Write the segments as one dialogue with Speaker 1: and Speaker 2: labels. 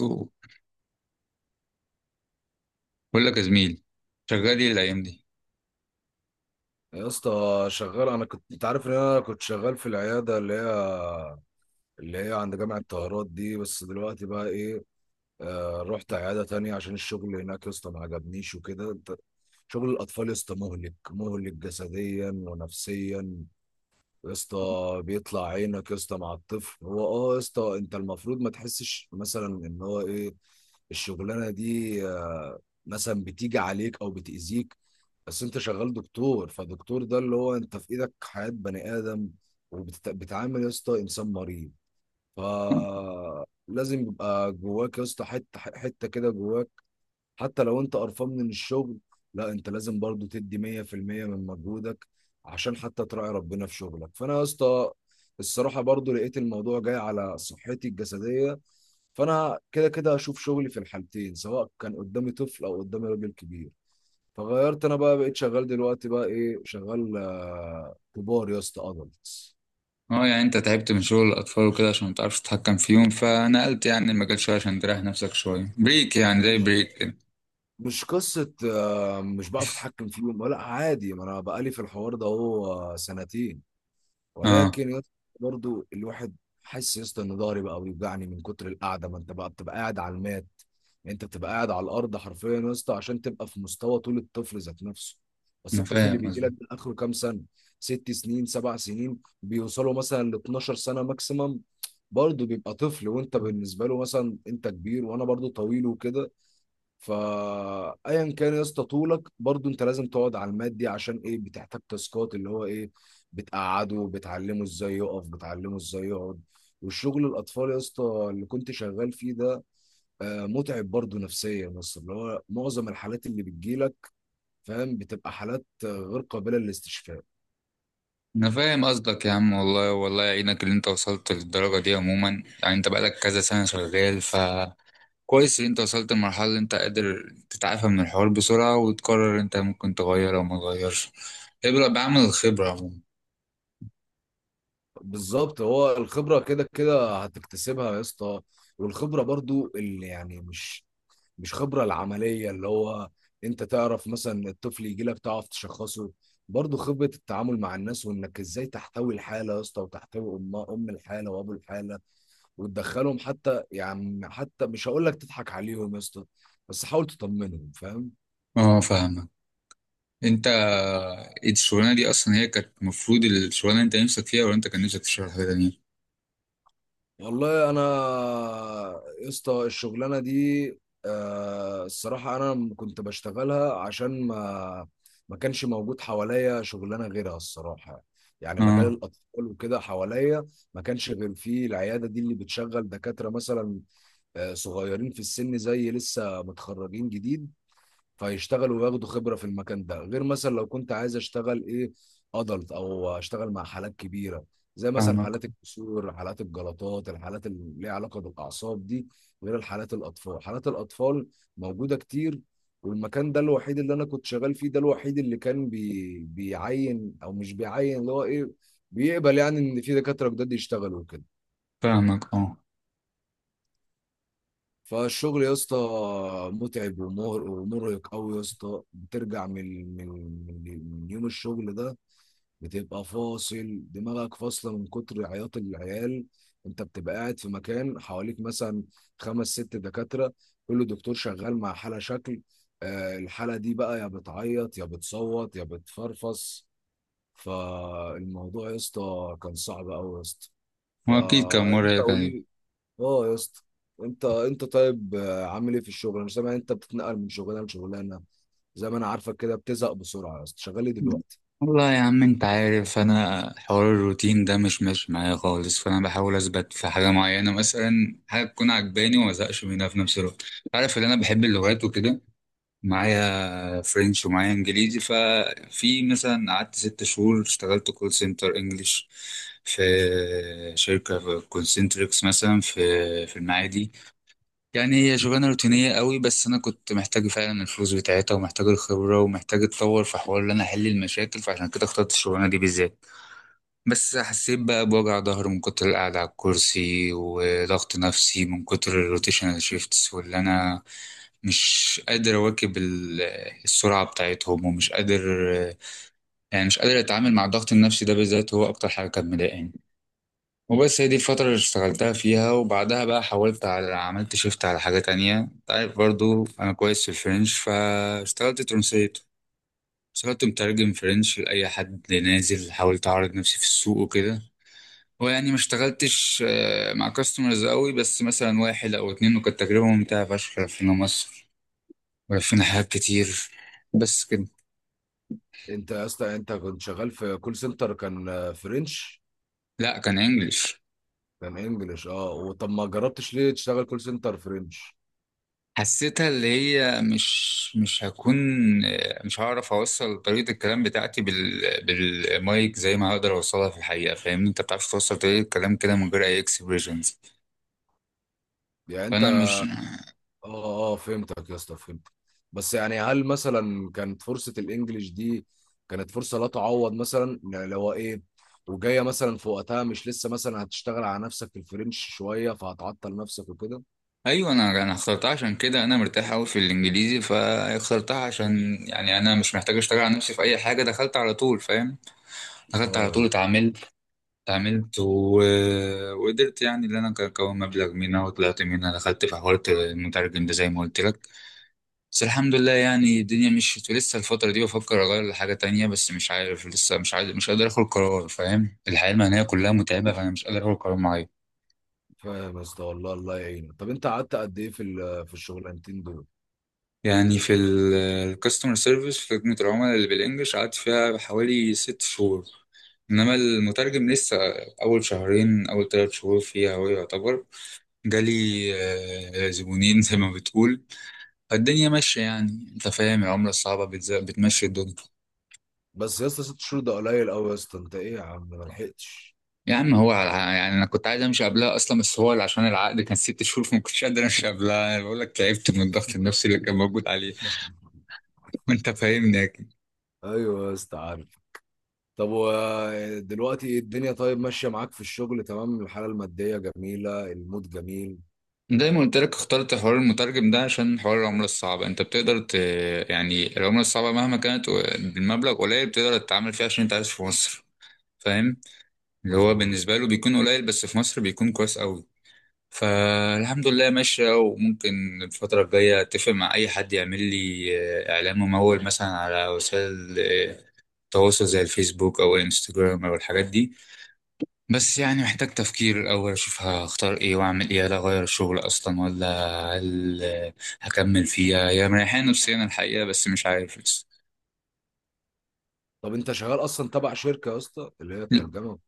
Speaker 1: أوه. بقول لك يا زميل، شغال ايه الايام دي؟
Speaker 2: يا اسطى شغال، انا كنت، انت عارف ان انا كنت شغال في العياده اللي هي عند جامعه طهرات دي، بس دلوقتي بقى ايه. رحت عياده تانية عشان الشغل هناك يا اسطى ما عجبنيش وكده. انت شغل الاطفال يا اسطى مهلك مهلك جسديا ونفسيا يا اسطى، بيطلع عينك يا اسطى مع الطفل. هو يا اسطى انت المفروض ما تحسش مثلا ان هو ايه الشغلانه دي مثلا بتيجي عليك او بتاذيك، بس انت شغال دكتور، فدكتور ده اللي هو انت في ايدك حياة بني ادم، وبتعامل يا اسطى انسان مريض، فلازم يبقى جواك يا اسطى حته حته كده جواك. حتى لو انت قرفان من الشغل، لا انت لازم برضو تدي 100% من مجهودك عشان حتى تراعي ربنا في شغلك. فانا يا اسطى الصراحه برضو لقيت الموضوع جاي على صحتي الجسديه، فانا كده كده هشوف شغلي في الحالتين، سواء كان قدامي طفل او قدامي راجل كبير. فغيرت انا بقى، بقيت شغال دلوقتي بقى ايه، شغال كبار يا اسطى، ادلتس.
Speaker 1: اه، يعني انت تعبت من شغل الاطفال وكده عشان ما تعرفش تتحكم فيهم فنقلت يعني المجال شويه عشان تريح نفسك شويه، بريك يعني، زي بريك كده.
Speaker 2: مش قصه مش بعرف اتحكم فيهم، لا عادي، ما انا بقالي في الحوار ده اهو سنتين.
Speaker 1: اه،
Speaker 2: ولكن يا اسطى برضو الواحد حاسس يا اسطى ان ضهري بقى بيوجعني من كتر القعده، ما انت بقى بتبقى قاعد على المات. يعني انت بتبقى قاعد على الارض حرفيا يا اسطى عشان تبقى في مستوى طول الطفل ذات نفسه. بس
Speaker 1: انا
Speaker 2: الطفل اللي
Speaker 1: فاهم
Speaker 2: بيجي لك
Speaker 1: قصدك.
Speaker 2: ده اخره كام سنه؟ 6 سنين، 7 سنين، بيوصلوا مثلا ل 12 سنه ماكسيمم. برضه بيبقى طفل، وانت بالنسبه له مثلا انت كبير، وانا برضه طويل وكده. فايا كان يا اسطى طولك، برضو انت لازم تقعد على المات دي، عشان ايه، بتحتاج تاسكات اللي هو ايه، بتقعده، بتعلمه ازاي يقف، بتعلمه ازاي يقعد. والشغل الاطفال يا اسطى اللي كنت شغال فيه ده متعب برضو نفسيا، بس اللي هو معظم الحالات اللي بتجيلك، فاهم، بتبقى حالات غير قابلة للاستشفاء.
Speaker 1: انا فاهم قصدك يا عم، والله والله يعينك اللي انت وصلت للدرجه دي. عموما يعني انت بقالك كذا سنه شغال كويس ان انت وصلت لمرحله اللي انت قادر تتعافى من الحوار بسرعه وتقرر انت ممكن تغير او ما تغيرش. ابرأ بعمل الخبره عموما.
Speaker 2: بالظبط، هو الخبرة كده كده هتكتسبها يا اسطى، والخبرة برضو اللي يعني مش خبرة العملية اللي هو انت تعرف مثلا الطفل يجي لك تعرف تشخصه، برضو خبرة التعامل مع الناس، وانك ازاي تحتوي الحالة يا اسطى، وتحتوي ام الحالة وابو الحالة، وتدخلهم حتى يعني حتى مش هقول لك تضحك عليهم يا اسطى، بس حاول تطمنهم، فاهم.
Speaker 1: اه، فاهمك. انت الشغلانه دي اصلا هي كانت المفروض، الشغلانه انت نفسك فيها ولا انت كان نفسك في شغل حاجه تانية؟
Speaker 2: والله انا يا اسطى الشغلانه دي الصراحه انا كنت بشتغلها عشان ما كانش موجود حواليا شغلانه غيرها الصراحه. يعني مجال
Speaker 1: اه،
Speaker 2: الاطفال وكده حواليا ما كانش غير فيه العياده دي اللي بتشغل دكاتره مثلا صغيرين في السن زي لسه متخرجين جديد، فيشتغلوا وياخدوا خبرة في المكان ده، غير مثلا لو كنت عايز اشتغل ايه، ادلت او اشتغل مع حالات كبيرة، زي مثلا
Speaker 1: فاهمك
Speaker 2: حالات الكسور، حالات الجلطات، الحالات اللي ليها علاقة بالأعصاب دي، غير الحالات الأطفال. حالات الأطفال موجودة كتير، والمكان ده الوحيد اللي أنا كنت شغال فيه، ده الوحيد اللي كان بيعين أو مش بيعين اللي هو إيه، بيقبل يعني إن في دكاترة جداد يشتغلوا كده.
Speaker 1: فاهمك. اه،
Speaker 2: فالشغل يا اسطى متعب ومرهق قوي يا اسطى. بترجع من من يوم الشغل ده بتبقى فاصل دماغك، فاصله من كتر عياط العيال. انت بتبقى قاعد في مكان حواليك مثلا خمس ست دكاتره، كل دكتور شغال مع حاله شكل، الحاله دي بقى يا بتعيط يا بتصوت يا بتفرفص. فالموضوع يا اسطى كان صعب قوي يا اسطى،
Speaker 1: هو اكيد كان مره
Speaker 2: فانت
Speaker 1: هيك عليك.
Speaker 2: قولي. اه يا اسطى، انت طيب عامل ايه في الشغل؟ انا سامع انت بتتنقل من شغلانه لشغلانه، زي ما انا عارفك كده بتزهق بسرعه يا اسطى. شغال ايه دلوقتي؟
Speaker 1: والله يا عم، انت عارف انا حوار الروتين ده مش ماشي معايا خالص، فانا بحاول اثبت في حاجه معينه، مثلا حاجه تكون عجباني وما ازهقش منها في نفس الوقت. عارف ان انا بحب اللغات وكده، معايا فرنش ومعايا انجليزي، ففي مثلا قعدت ست شهور اشتغلت كول سنتر انجليش في شركة في كونسنتريكس مثلا، في المعادي. يعني هي شغلانة روتينية قوي، بس انا كنت محتاج فعلا الفلوس بتاعتها، ومحتاج الخبرة، ومحتاج اتطور في حوار ان انا احل المشاكل، فعشان كده اخترت الشغلانة دي بالذات. بس حسيت بقى بوجع ظهر من كتر القعدة على الكرسي، وضغط نفسي من كتر الروتيشنال شيفتس، واللي أنا مش قادر أواكب ال- السرعة بتاعتهم، ومش قادر، يعني مش قادر أتعامل مع الضغط النفسي ده بالذات، هو أكتر حاجة كانت مضايقاني. وبس، هي دي الفترة اللي اشتغلتها فيها، وبعدها بقى حاولت على، عملت شيفت على حاجة تانية. أنت عارف برضو أنا كويس في الفرنش، فاشتغلت ترانسليت، اشتغلت مترجم فرنش لأي حد نازل، حاولت أعرض نفسي في السوق وكده. ويعني ما اشتغلتش، مع كاستمرز قوي، بس مثلا واحد او اتنين، وكانت تجربة ممتعة فشخ. لفينا مصر ولفينا حاجات كتير، بس كده.
Speaker 2: انت يا اسطى انت كنت شغال في كول سنتر، كان فرنش؟
Speaker 1: لا، كان انجلش.
Speaker 2: كان انجلش، اه. وطب ما جربتش ليه تشتغل كول سنتر فرنش؟
Speaker 1: حسيتها اللي هي مش هكون، مش هعرف اوصل طريقة الكلام بتاعتي بال- بالمايك زي ما هقدر اوصلها في الحقيقة، فاهمني؟ انت بتعرف توصل طريقة الكلام كده من غير اي اكسبريشنز،
Speaker 2: يعني انت
Speaker 1: فانا مش.
Speaker 2: اه اه فهمتك يا اسطى، فهمتك. بس يعني هل مثلا كانت فرصة الانجليش دي كانت فرصة لا تعوض مثلا، يعني لو ايه وجاية مثلا في وقتها، مش لسه مثلا هتشتغل على نفسك في الفرنش شوية فهتعطل نفسك وكده؟
Speaker 1: ايوه، انا اخترتها عشان كده، انا مرتاح قوي في الانجليزي فاخترتها، عشان يعني انا مش محتاج اشتغل على نفسي في اي حاجه، دخلت على طول فاهم؟ دخلت على
Speaker 2: اه يا
Speaker 1: طول،
Speaker 2: اسطى،
Speaker 1: اتعاملت و... وقدرت يعني ان انا اكون مبلغ منها، وطلعت منها دخلت في حوار المترجم ده زي ما قلت لك. بس الحمد لله يعني الدنيا مشيت، لسه الفتره دي بفكر اغير لحاجه تانية بس مش عارف لسه، مش عارف، مش قادر اخد قرار فاهم؟ الحياه المهنيه كلها متعبه فانا مش قادر اخد قرار معين.
Speaker 2: فاهم يا اسطى، والله الله يعينك. طب انت قعدت قد ايه في في الشغلانتين دول؟
Speaker 1: يعني في الكاستمر سيرفيس، في خدمة العملاء اللي بالإنجلش، قعدت فيها حوالي ست شهور. إنما المترجم، لسه أول شهرين، أول تلات شهور فيها، هو يعتبر جالي زبونين زي ما بتقول. فالدنيا ماشية يعني، أنت فاهم العملة الصعبة بتز- بتمشي الدنيا.
Speaker 2: بس يا اسطى 6 شهور ده قليل قوي يا اسطى، انت ايه يا عم، ما لحقتش؟
Speaker 1: يا عم، يعني أنا كنت عايز أمشي قبلها أصلا، بس هو اللي عشان العقد كان ست شهور، فما كنتش قادر أمشي قبلها. أنا بقول لك تعبت من الضغط النفسي اللي كان موجود عليه. وأنت فاهمني.
Speaker 2: ايوه يا اسطى عارف. طب ودلوقتي الدنيا طيب ماشية معاك في الشغل، تمام، الحالة المادية جميلة، المود جميل.
Speaker 1: زي ما قلت لك، اخترت حوار المترجم ده عشان حوار العملة الصعبة، انت بتقدر ت... يعني العملة الصعبة مهما كانت و- بالمبلغ قليل بتقدر تتعامل فيها عشان انت عايش في مصر، فاهم؟ اللي هو
Speaker 2: مظبوط.
Speaker 1: بالنسبة له بيكون قليل، بس في مصر بيكون كويس قوي. فالحمد لله ماشية. وممكن الفترة الجاية اتفق مع اي حد يعمل لي اعلان ممول مثلا على وسائل التواصل، زي الفيسبوك او الانستجرام او الحاجات دي. بس يعني محتاج تفكير الأول، أشوف هختار إيه وأعمل إيه، هل أغير الشغل أصلا ولا هل هكمل فيها؟ هي مريحاني نفسيا الحقيقة، بس مش عارف لسه.
Speaker 2: طب انت شغال اصلا تبع شركة يا اسطى اللي هي الترجمة؟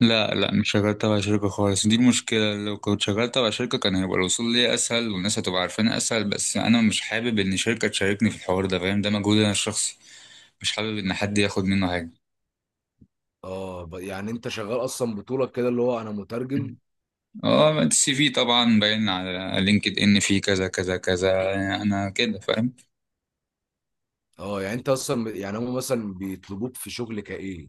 Speaker 1: لا لا، مش شغال تبع شركة خالص، دي المشكلة. لو كنت شغال تبع شركة كان هيبقى الوصول ليا أسهل، والناس هتبقى عارفاني أسهل، بس أنا مش حابب إن شركة تشاركني في الحوار ده، فاهم؟ ده مجهود أنا الشخصي، مش حابب إن حد ياخد منه حاجة.
Speaker 2: اه، يعني انت شغال اصلا بطولك كده اللي هو انا مترجم؟
Speaker 1: اه، السي في طبعا باين على لينكد إن، فيه كذا كذا كذا، أنا كده فاهم.
Speaker 2: اه، يعني انت اصلا يعني هم مثلا بيطلبوك في شغل كايه؟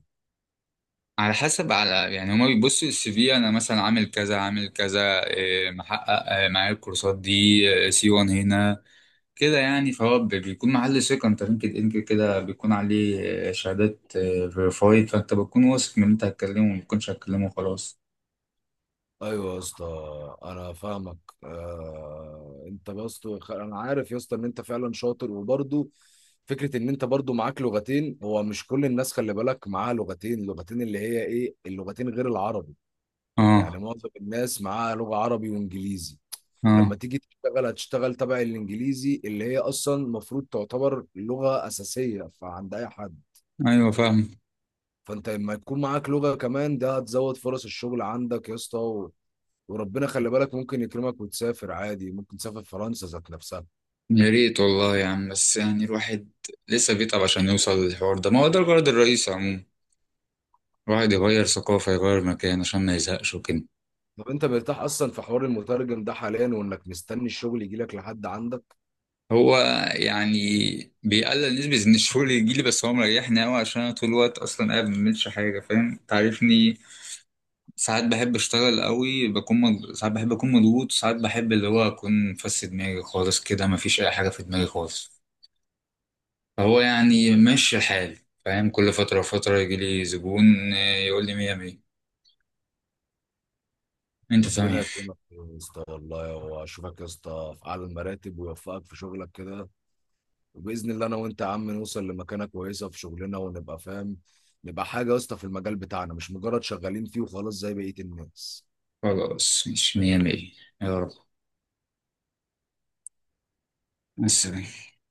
Speaker 1: على حسب، على يعني هما بيبصوا السي في، انا مثلا عامل كذا، عامل كذا، إيه، محقق إيه، معايا الكورسات دي، C1 هنا كده يعني. فهو بي- بيكون محل ثقة، انت لينكد ان كده كده بيكون عليه إيه، شهادات فيريفايد، فانت بتكون واثق من اللي انت هتكلمه، وما بتكونش هتكلمه خلاص.
Speaker 2: ايوه يا اسطى، انا فاهمك. انت يا اسطى، انا عارف يا اسطى ان انت فعلا شاطر، وبرضه فكره ان انت برضه معاك لغتين، هو مش كل الناس خلي بالك معاها لغتين اللي هي ايه اللغتين غير العربي، يعني
Speaker 1: اه.
Speaker 2: معظم الناس معاها لغه عربي وانجليزي.
Speaker 1: اه.
Speaker 2: لما تيجي تشتغل هتشتغل تبع الانجليزي اللي هي اصلا المفروض تعتبر لغه اساسيه فعند اي حد.
Speaker 1: ايوه، فاهم.
Speaker 2: فانت لما يكون معاك لغه كمان، ده هتزود فرص الشغل عندك يا اسطى. وربنا خلي بالك ممكن يكرمك وتسافر عادي، ممكن تسافر فرنسا ذات نفسها.
Speaker 1: يا ريت والله يا عم، بس يعني الواحد لسه بيتعب عشان يوصل للحوار ده، ما هو ده الغرض الرئيسي عموما، الواحد يغير ثقافة، يغير مكان عشان ما يزهقش وكده.
Speaker 2: طب انت مرتاح اصلا في حوار المترجم ده حاليا، وانك مستني الشغل يجي لك لحد عندك؟
Speaker 1: هو يعني بيقلل نسبة إن الشغل يجيلي، بس هو مريحني أوي عشان أنا طول الوقت أصلا قاعد ما بعملش حاجة، فاهم؟ تعرفني، ساعات بحب أشتغل أوي، بكون مض... ساعات بحب أكون مضغوط، ساعات بحب اللي هو أكون فس دماغي خالص كده، مفيش أي حاجة في دماغي خالص. فهو يعني ماشي الحال، فاهم؟ كل فترة وفترة يجيلي زبون، يقول لي مية مية، أنت
Speaker 2: ربنا
Speaker 1: تمام.
Speaker 2: يكرمك يا اسطى، والله واشوفك يا اسطى في اعلى المراتب، ويوفقك في شغلك كده. وباذن الله انا وانت يا عم نوصل لمكانه كويسه في شغلنا، ونبقى فاهم، نبقى حاجه يا اسطى في المجال بتاعنا، مش مجرد شغالين فيه وخلاص زي بقيه الناس.
Speaker 1: خلاص مش مية مية. يا رب. مع السلامة.